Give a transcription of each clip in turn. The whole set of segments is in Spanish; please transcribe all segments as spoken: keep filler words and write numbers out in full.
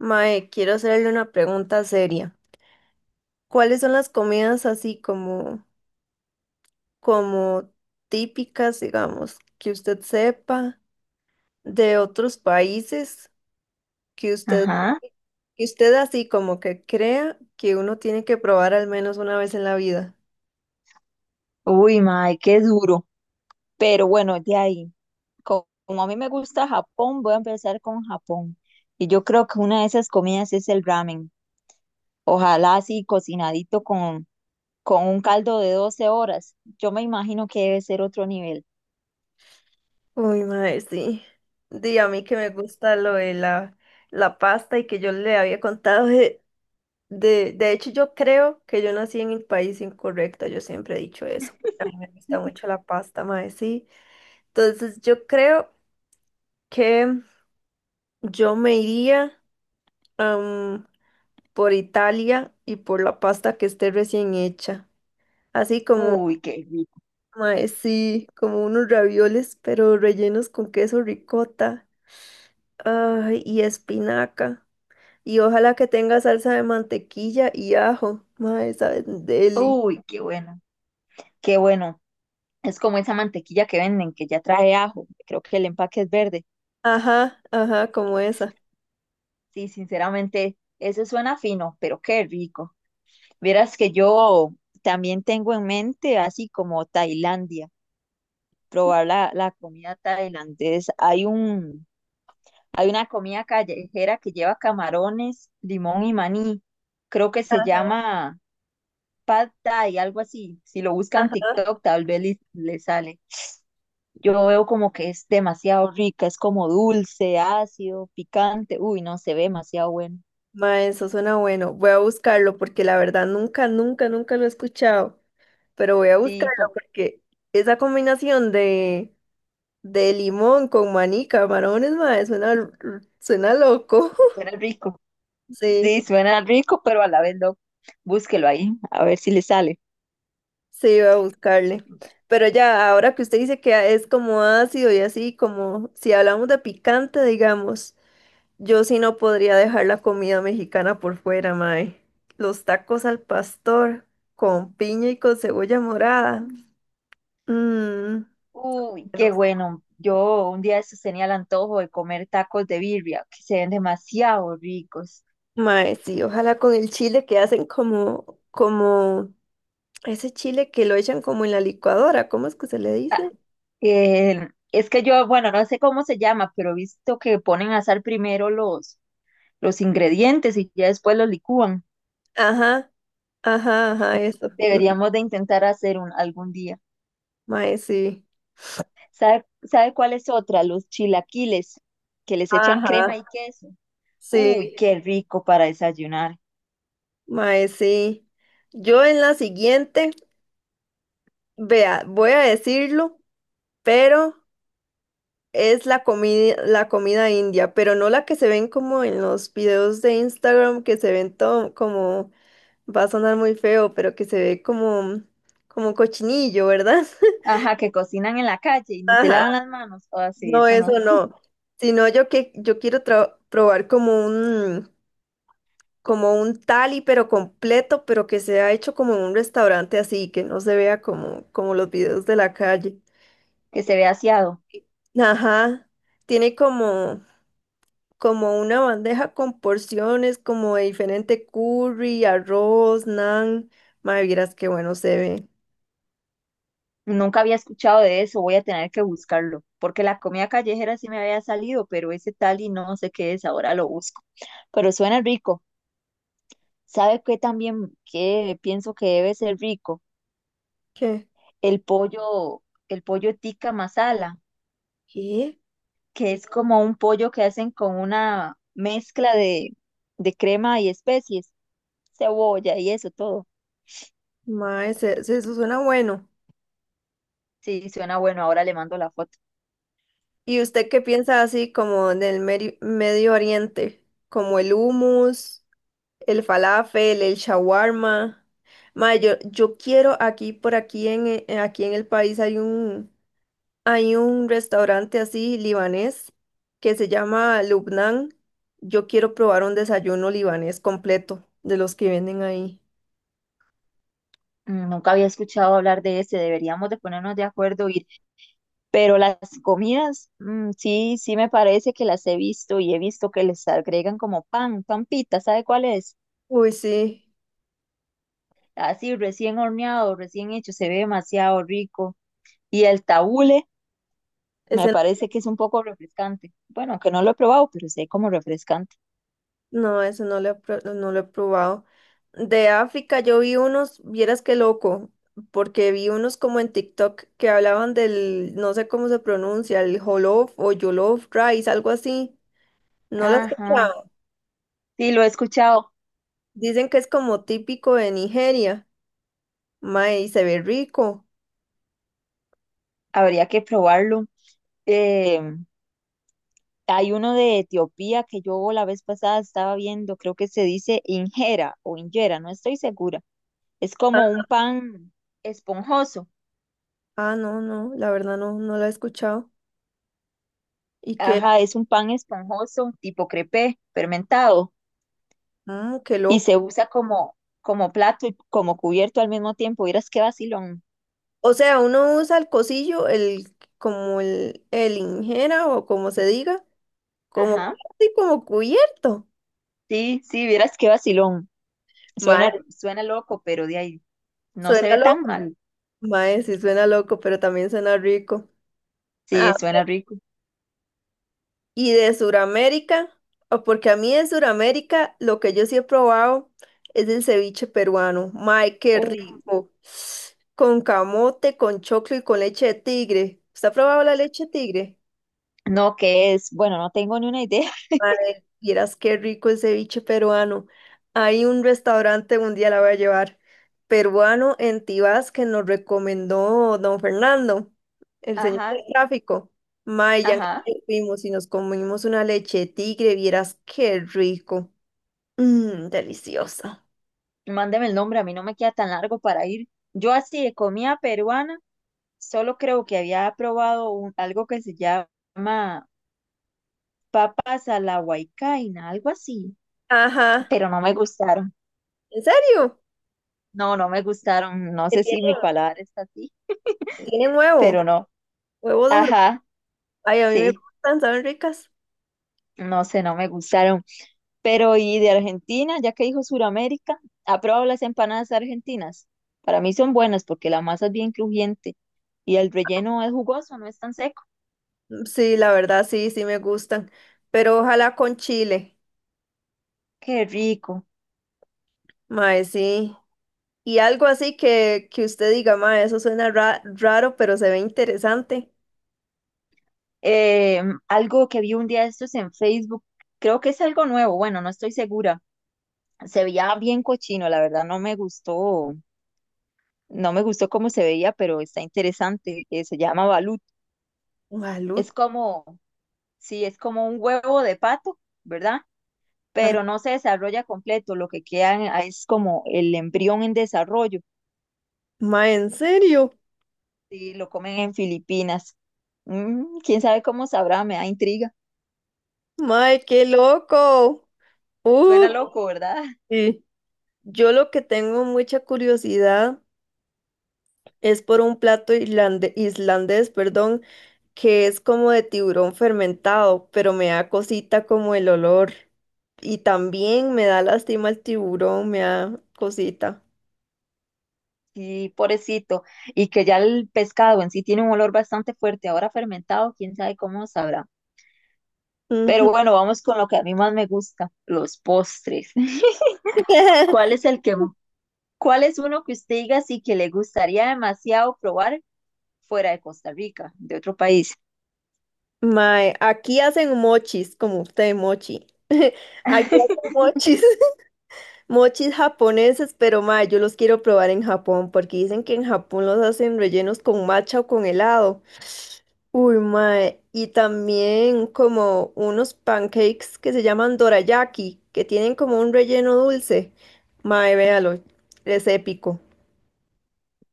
Mae, quiero hacerle una pregunta seria. ¿Cuáles son las comidas así como, como típicas, digamos, que usted sepa de otros países que usted, Ajá. que usted así como que crea que uno tiene que probar al menos una vez en la vida? Uy, mae, qué duro. Pero bueno, de ahí, co- como a mí me gusta Japón, voy a empezar con Japón. Y yo creo que una de esas comidas es el ramen. Ojalá así cocinadito con, con un caldo de doce horas. Yo me imagino que debe ser otro nivel. Uy, mae, sí. Di a mí que me gusta lo de la, la pasta y que yo le había contado de De, de hecho, yo creo que yo nací en el país incorrecto, yo siempre he dicho eso. Me gusta mucho la pasta, mae, sí. Entonces, yo creo que yo me iría am, por Italia y por la pasta que esté recién hecha. Así como, Uy, qué rico. mae, sí, como unos ravioles, pero rellenos con queso ricota, ay, y espinaca. Y ojalá que tenga salsa de mantequilla y ajo, mae, saben, deli. Uy, qué bueno. Qué bueno. Es como esa mantequilla que venden, que ya trae ajo. Creo que el empaque es verde. Ajá, ajá, como esa. Sí, sinceramente, eso suena fino, pero qué rico. Vieras que yo también tengo en mente, así como Tailandia, probar la, la comida tailandesa. Hay un, hay una comida callejera que lleva camarones, limón y maní. Creo que se llama Pad Thai, algo así. Si lo buscan en TikTok, tal vez le, le sale. Yo veo como que es demasiado rica, es como dulce, ácido, picante. Uy, no, se ve demasiado bueno. Ma, eso suena bueno. Voy a buscarlo porque la verdad nunca, nunca, nunca lo he escuchado. Pero voy a Sí, buscarlo como porque esa combinación de, de limón con maní, camarones, ma, suena, l- suena loco. que fuera rico. Sí, Sí, suena rico, pero a la vez no. Búsquelo ahí, a ver si le sale. sí, voy a buscarle. Pero ya, ahora que usted dice que es como ácido y así, como si hablamos de picante, digamos, yo sí no podría dejar la comida mexicana por fuera, mae. Los tacos al pastor con piña y con cebolla morada. Mm. Uy, Bueno, qué bueno. Yo un día de estos tenía el antojo de comer tacos de birria, que se ven demasiado ricos. mae, sí, ojalá con el chile que hacen como, como ese chile que lo echan como en la licuadora, ¿cómo es que se le Ah, dice? eh, es que yo, bueno, no sé cómo se llama, pero he visto que ponen a asar primero los, los ingredientes y ya después los licúan. Ajá, ajá, ajá, eso. lo- Deberíamos de intentar hacer un algún día. Mae, sí. ¿Sabe, sabe cuál es otra? Los chilaquiles, que les echan crema Ajá, y queso. Uy, sí, qué rico para desayunar. mae, sí. Yo en la siguiente, vea, voy a decirlo, pero es la comida, la comida india, pero no la que se ven como en los videos de Instagram que se ven todo como. Va a sonar muy feo, pero que se ve como, como cochinillo, ¿verdad? Ajá, que cocinan en la calle y ni se Ajá, lavan las manos. O sí, no, eso no. eso no. Sino yo que yo quiero tra- probar como un como un tali, pero completo, pero que sea hecho como en un restaurante así, que no se vea como, como los videos de la calle. Que se ve aseado. Ajá. Tiene como, como una bandeja con porciones, como de diferente curry, arroz, naan. Madre, vieras qué bueno se ve. Nunca había escuchado de eso, voy a tener que buscarlo. Porque la comida callejera sí me había salido, pero ese tal y no sé qué es, ahora lo busco. Pero suena rico. ¿Sabe qué también que pienso que debe ser rico? ¿Qué? El pollo, el pollo tikka masala, ¿Qué? que es como un pollo que hacen con una mezcla de, de crema y especies, cebolla y eso todo. Mae, se- se- eso suena bueno. Sí, suena bueno, ahora le mando la foto. ¿Y usted qué piensa así como del Meri- Medio Oriente? Como el hummus, el falafel, el shawarma. Mae, yo, yo quiero aquí, por aquí en, e- eh, aquí en el país hay un, hay un restaurante así libanés que se llama Lubnan. Yo quiero probar un desayuno libanés completo de los que venden ahí. Mm, nunca había escuchado hablar de ese, deberíamos de ponernos de acuerdo ir, pero las comidas, mm, sí, sí me parece que las he visto y he visto que les agregan como pan, pampita, ¿sabe cuál es? Uy, sí, Así recién horneado, recién hecho, se ve demasiado rico. Y el tabule es. me parece que es un poco refrescante. Bueno, que no lo he probado, pero sé como refrescante. No, eso no lo he, pro- no lo he probado. De África yo vi unos, vieras qué loco, porque vi unos como en TikTok que hablaban del, no sé cómo se pronuncia, el jollof o jollof rice, algo así. No lo he Ajá, escuchado. sí, lo he escuchado, Dicen que es como típico de Nigeria. Mae, y se ve rico. habría que probarlo. Em, Hay uno de Etiopía que yo la vez pasada estaba viendo, creo que se dice injera o injera, no estoy segura. Es como Ah, un pan esponjoso. ah, no, no, la verdad no, no lo he escuchado. Y que, Ajá, es un pan esponjoso tipo crepé, fermentado, mm, qué y loco. se usa como, como plato y como cubierto al mismo tiempo. Vieras qué vacilón. O sea, uno usa el cosillo, el, como el, el injera o como se diga. Como, Ajá, sí, como cubierto. sí, sí, vieras qué vacilón. Suena, Mae, suena loco, pero de ahí no se suena ve tan loco. mal. Mae, sí, suena loco, pero también suena rico. Sí, Ah, suena rico. y de Suramérica, o porque a mí de Suramérica lo que yo sí he probado es el ceviche peruano. Mae, qué Uh, rico. Con camote, con choclo y con leche de tigre. ¿Usted ha probado la leche de tigre? no, ¿qué es? Bueno, no tengo ni una idea. Mae, vieras qué rico el ceviche peruano. Hay un restaurante, un día la voy a llevar, peruano en Tibás que nos recomendó don Fernando, el señor Ajá, del tráfico. Mae, ya que ajá. fuimos y nos comimos una leche de tigre, vieras qué rico. Mmm, deliciosa. Mándeme el nombre, a mí no me queda tan largo para ir. Yo así de comida peruana, solo creo que había probado un- algo que se llama papas a la huaycaina, algo así, Ajá, pero no me gustaron. ¿en serio? No, no me gustaron. No Que sé si mi tienen, paladar está así, tienen huevo, pero no. huevo duro. Ajá, Ay, a mí me sí, gustan, ¿saben ricas? no sé, no me gustaron. Pero y de Argentina, ya que dijo Suramérica, ¿ha probado las empanadas argentinas? Para mí son buenas porque la masa es bien crujiente y el relleno es jugoso, no es tan seco. Sí, la verdad, sí, sí me gustan, pero ojalá con chile. Qué rico. Mae, sí. Y algo así que, que usted diga, ma, eso suena ra- raro, pero se ve interesante. Eh, algo que vi un día de estos en Facebook, creo que es algo nuevo, bueno, no estoy segura. Se veía bien cochino, la verdad no me gustó, no me gustó cómo se veía, pero está interesante. Eh, se llama balut. Gualuta. Es como, sí, es como un huevo de pato, ¿verdad? Pero no se desarrolla completo, lo que queda en- ah, es como el embrión en desarrollo. Ma, ¿en serio? Sí, lo comen en Filipinas. Mm, quién sabe cómo sabrá, me da intriga. Ma, qué loco. Suena Uh, loco, ¿verdad? sí. Yo lo que tengo mucha curiosidad es por un plato irlande- islandés, perdón, que es como de tiburón fermentado, pero me da cosita como el olor. Y también me da lástima el tiburón, me da cosita. Sí, pobrecito. Y que ya el pescado en sí tiene un olor bastante fuerte, ahora fermentado, quién sabe cómo sabrá. Pero Ujú. bueno, vamos con lo que a mí más me gusta, los postres. ¿Cuál es el que, cuál es uno que usted diga sí que le gustaría demasiado probar fuera de Costa Rica, de otro país? Mae, aquí hacen mochis, como usted, mochi. Aquí hacen mochis, mochis japoneses, pero mae, yo los quiero probar en Japón porque dicen que en Japón los hacen rellenos con matcha o con helado. Uy, mae, y también como unos pancakes que se llaman dorayaki, que tienen como un relleno dulce. Mae, véalo, es épico.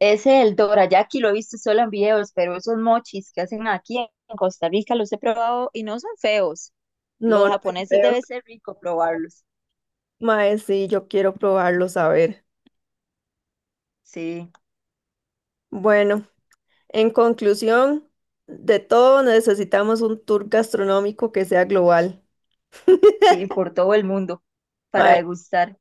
Ese el dorayaki lo he visto solo en videos, pero esos mochis que hacen aquí en Costa Rica los he probado y no son feos. No, Los no son japoneses feos. debe ser rico probarlos. Mae, sí, yo quiero probarlos, a ver. Sí, Bueno. En conclusión, de todo necesitamos un tour gastronómico que sea global. sí, por todo el mundo para Mae, degustar.